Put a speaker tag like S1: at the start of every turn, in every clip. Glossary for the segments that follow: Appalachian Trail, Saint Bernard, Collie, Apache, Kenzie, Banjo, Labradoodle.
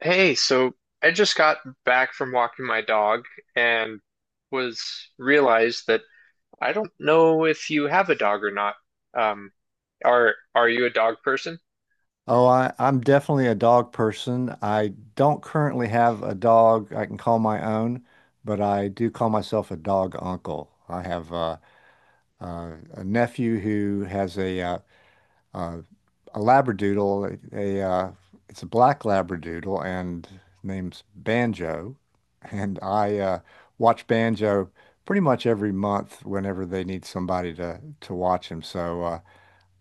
S1: Hey, so I just got back from walking my dog and was realized that I don't know if you have a dog or not. Um, are you a dog person?
S2: Oh, I'm definitely a dog person. I don't currently have a dog I can call my own, but I do call myself a dog uncle. I have a nephew who has uh, a Labradoodle, a it's a black Labradoodle and name's Banjo, and I watch Banjo pretty much every month whenever they need somebody to watch him. So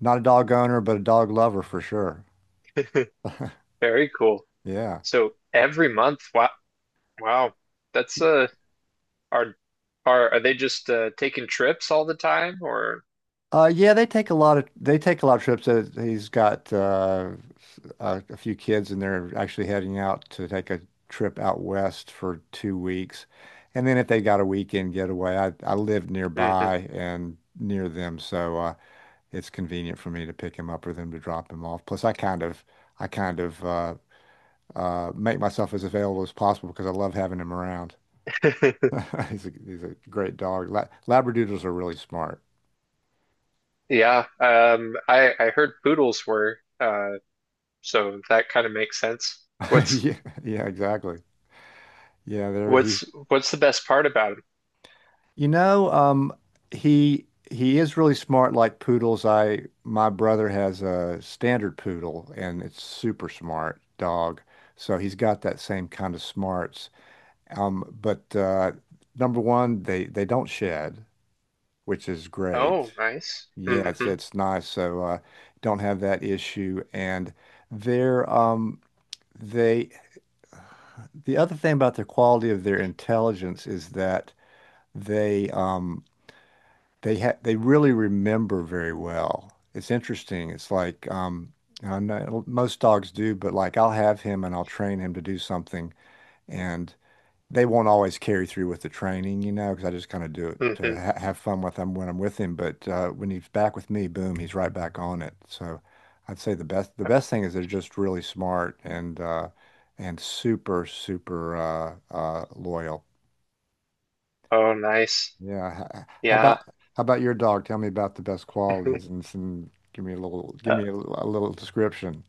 S2: not a dog owner, but a dog lover for sure.
S1: Very cool.
S2: Yeah.
S1: So every month, wow, wow, that's are are they just taking trips all the time or?
S2: Yeah, they take a lot of they take a lot of trips. He's got a few kids, and they're actually heading out to take a trip out west for 2 weeks. And then if they got a weekend getaway, I live
S1: Mhm.
S2: nearby and near them, so it's convenient for me to pick him up or them to drop him off. Plus, I kind of make myself as available as possible because I love having him around. He's a great dog. La Labradoodles are really smart.
S1: Yeah, I heard poodles were, so that kind of makes sense. What's
S2: Yeah, yeah, exactly. Yeah, there he's
S1: what's what's the best part about 'em?
S2: you know, he is really smart like poodles. I my brother has a standard poodle and it's super smart dog. So he's got that same kind of smarts. But number one, they don't shed, which is
S1: Oh,
S2: great.
S1: nice.
S2: Yeah, it's
S1: Hmm.
S2: it's nice. So don't have that issue, and their um they the other thing about the quality of their intelligence is that they um they really remember very well. It's interesting. It's like I know most dogs do, but like I'll have him and I'll train him to do something, and they won't always carry through with the training, because I just kind of do it to
S1: Hmm.
S2: ha have fun with him when I'm with him. But when he's back with me, boom, he's right back on it. So I'd say the best thing is they're just really smart and super super loyal.
S1: Oh, nice.
S2: Yeah. h- h- How
S1: Yeah.
S2: about how about your dog? Tell me about the best qualities, and some give me a little give
S1: Uh,
S2: me a, l- a little description.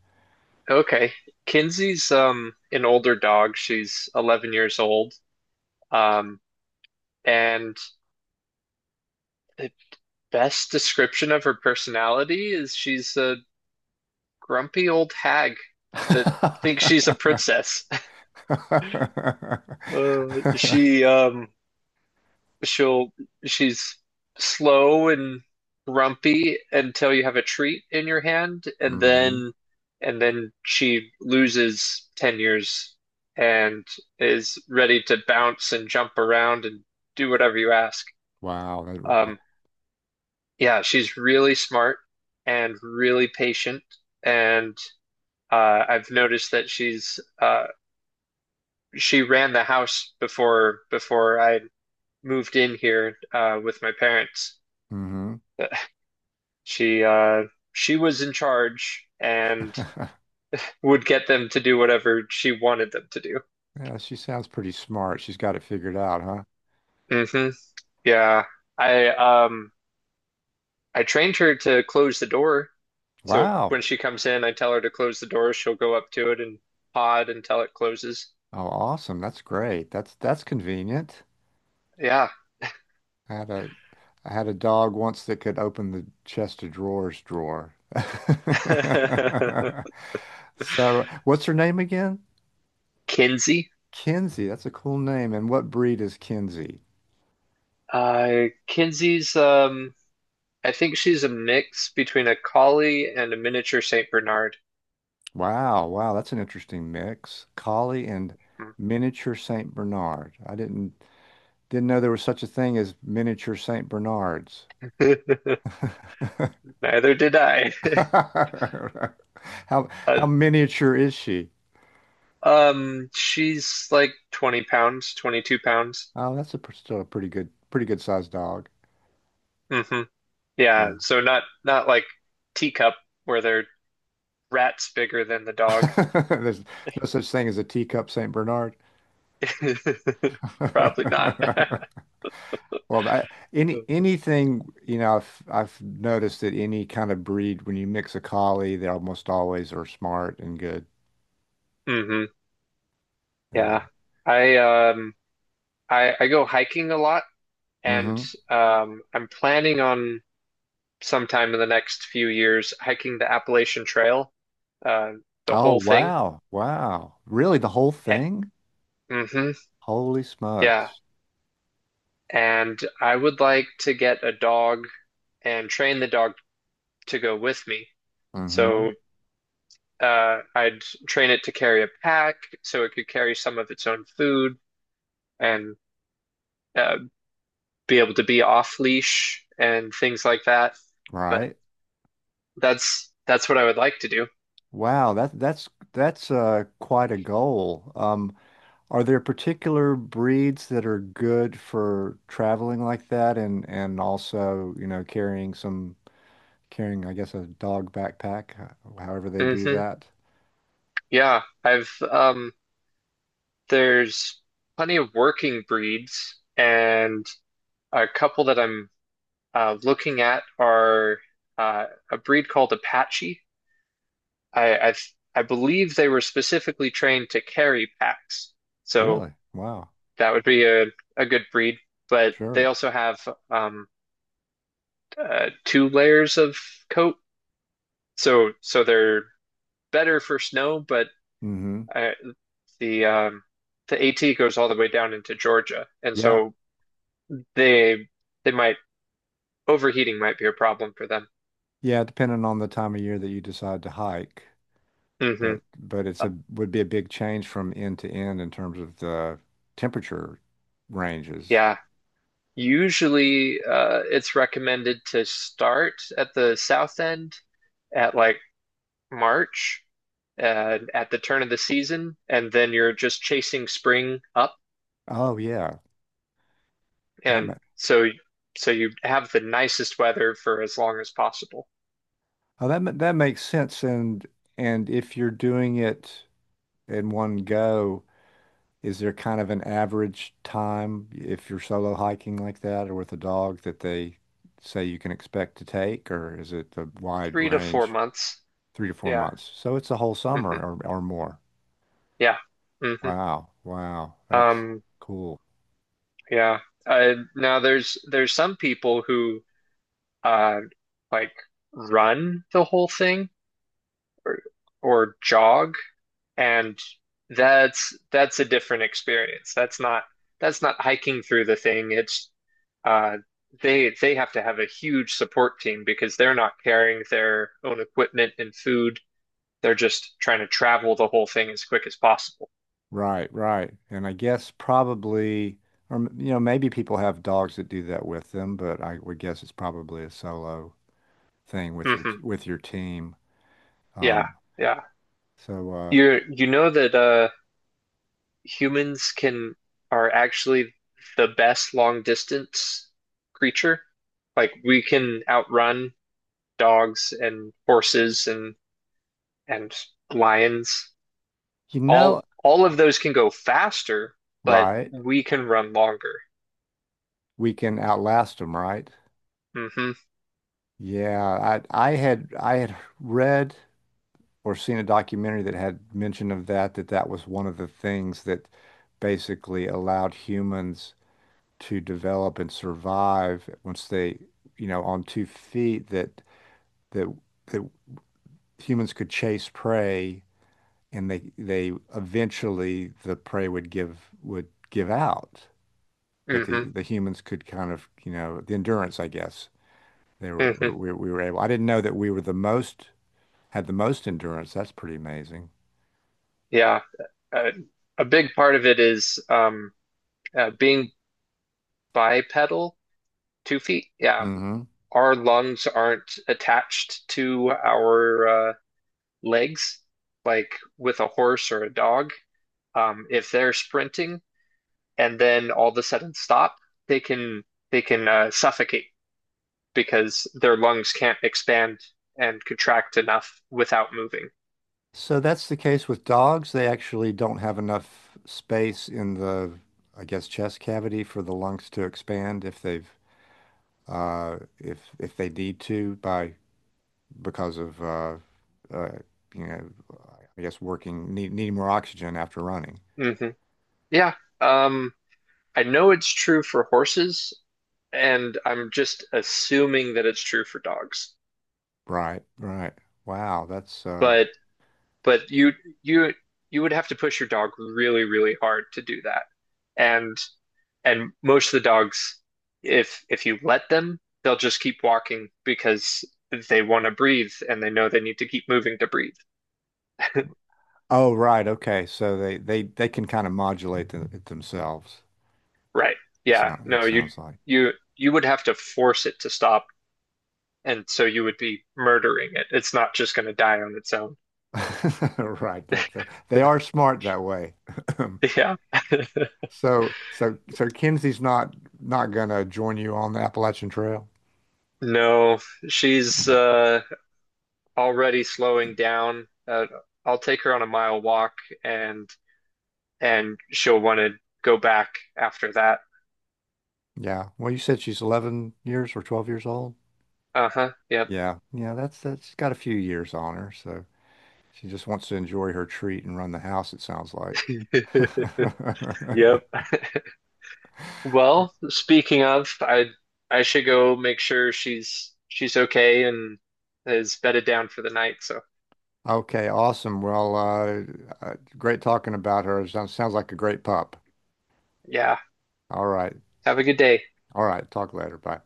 S1: okay. Kinsey's an older dog. She's 11 years old. Um, and the best description of her personality is she's a grumpy old hag that thinks she's a princess. Uh, she um She'll she's slow and grumpy until you have a treat in your hand, and
S2: Hmm.
S1: then she loses 10 years and is ready to bounce and jump around and do whatever you ask.
S2: Wow. That.
S1: Um, yeah, she's really smart and really patient, and I've noticed that she ran the house before I moved in here with my parents.
S2: Mm-hmm.
S1: Uh, She she was in charge and would get them to do whatever she wanted them to do.
S2: Yeah, she sounds pretty smart. She's got it figured out, huh?
S1: Hmm. Yeah. I um I trained her to close the door. So
S2: Wow.
S1: when she comes in, I tell her to close the door. She'll go up to it and pod until it closes.
S2: Oh, awesome. That's great. That's convenient.
S1: Yeah.
S2: I had a I had a dog once that could open the chest of drawers drawer. So, what's her name again?
S1: Kinsey.
S2: Kenzie. That's a cool name. And what breed is Kenzie?
S1: Kinsey's I think she's a mix between a collie and a miniature Saint Bernard.
S2: Wow, wow, that's an interesting mix. Collie and miniature Saint Bernard. I didn't know there was such a thing as miniature Saint Bernards.
S1: Neither did I.
S2: How
S1: Uh,
S2: how miniature is she?
S1: She's like 20 pounds, 22 pounds.
S2: Oh, that's still a pretty good sized dog.
S1: Hmm. Yeah,
S2: Yeah.
S1: so not like teacup where they're rats bigger than the dog.
S2: There's no such thing as a teacup Saint Bernard.
S1: Probably not.
S2: Well, that, any anything, I've noticed that any kind of breed, when you mix a collie, they almost always are smart and good.
S1: Hmm. Yeah.
S2: There.
S1: I um I go hiking a lot and
S2: Mm-hmm.
S1: I'm planning on sometime in the next few years hiking the Appalachian Trail, uh the
S2: Oh,
S1: whole thing.
S2: wow. Wow. Really, the whole thing?
S1: Hmm.
S2: Holy
S1: Yeah.
S2: smokes.
S1: And I would like to get a dog and train the dog to go with me.
S2: Mm-hmm.
S1: So I'd train it to carry a pack so it could carry some of its own food and uh, be able to be off leash and things like that. But
S2: Right.
S1: that's what I would like to do.
S2: Wow, that that's quite a goal. Are there particular breeds that are good for traveling like that and also, carrying, I guess, a dog backpack, however they do
S1: Hmm.
S2: that.
S1: Yeah, I've there's plenty of working breeds, and a couple that I'm looking at are uh, a breed called Apache. I I I believe they were specifically trained to carry packs, so
S2: Really? Wow.
S1: that would be a good breed. But they
S2: Sure.
S1: also have um two layers of coat, so they're better for snow. But
S2: Mm-hmm.
S1: uh, the um the AT goes all the way down into Georgia, and
S2: Yeah.
S1: so they they might overheating might be a problem for them.
S2: Yeah, depending on the time of year that you decide to hike,
S1: Hmm.
S2: but it's a would be a big change from end to end in terms of the temperature ranges.
S1: Yeah. Usually, it's recommended to start at the south end at like March, at the turn of the season, and then you're just chasing spring up,
S2: Oh yeah, that ma
S1: and so you have the nicest weather for as long as possible.
S2: oh that ma that makes sense. And if you're doing it in one go, is there kind of an average time if you're solo hiking like that or with a dog that they say you can expect to take, or is it a wide
S1: Three to four
S2: range,
S1: months.
S2: three to four
S1: Yeah.
S2: months? So it's a whole
S1: Hmm.
S2: summer or more.
S1: Yeah. Hmm.
S2: Wow. Wow. That's
S1: Um,
S2: cool.
S1: yeah. Now there's some people who uh like run the whole thing or jog. And that's a different experience. That's not hiking through the thing. It's uh they have to have a huge support team because they're not carrying their own equipment and food. They're just trying to travel the whole thing as quick as possible.
S2: Right, right. And I guess probably, or m- you know, maybe people have dogs that do that with them, but I would guess it's probably a solo thing with your
S1: Hmm.
S2: with your team.
S1: Yeah,
S2: Um,
S1: yeah.
S2: so
S1: You know that humans can are actually the best long distance creature. Like we can outrun dogs and horses and lions.
S2: you know,
S1: All of those can go faster, but
S2: right,
S1: we can run longer.
S2: we can outlast them, right?
S1: Hmm.
S2: Yeah, I had read or seen a documentary that had mention of that was one of the things that basically allowed humans to develop and survive once they, on 2 feet that that humans could chase prey, and they eventually the prey would give out. But the
S1: Hmm.
S2: the humans could kind of, the endurance, I guess. They were
S1: Hmm.
S2: we, we were able. I didn't know that we were the most had the most endurance. That's pretty amazing.
S1: Yeah. Uh, a big part of it is being bipedal, two feet. Yeah.
S2: hmm
S1: Our lungs aren't attached to our legs like with a horse or a dog. If they're sprinting and then all of a sudden stop, they can they can suffocate because their lungs can't expand and contract enough without moving.
S2: So that's the case with dogs. They actually don't have enough space in the, I guess, chest cavity for the lungs to expand if they need to by because of uh, you know, I guess needing more oxygen after running.
S1: Hmm. Yeah. Um, I know it's true for horses, and I'm just assuming that it's true for dogs.
S2: Right, right. Wow, that's
S1: But but you you you would have to push your dog really, really hard to do that. And most of the dogs, if you let them, they'll just keep walking because they want to breathe and they know they need to keep moving to breathe.
S2: oh, right, okay. So they can kind of modulate it themselves.
S1: Right.
S2: It
S1: Yeah.
S2: sound, it
S1: No,
S2: sounds like.
S1: you you would have to force it to stop, and so you would be murdering it. It's not just going to die on its own.
S2: Right. They are smart that way.
S1: Yeah.
S2: So Kinsey's not gonna join you on the Appalachian Trail.
S1: No, she's already slowing down. I'll take her on a mile walk and she'll want to go back after that.
S2: Yeah. Well, you said she's 11 years or 12 years old.
S1: Uh-huh. Yep.
S2: Yeah. Yeah, that's got a few years on her, so she just wants to enjoy her treat and run the house, it sounds like.
S1: Yep. Well, speaking of, I should go make sure she's okay and is bedded down for the night, so
S2: Okay, awesome. Well, great talking about her. Sounds like a great pup.
S1: yeah.
S2: All right.
S1: Have a good day.
S2: All right. Talk later. Bye.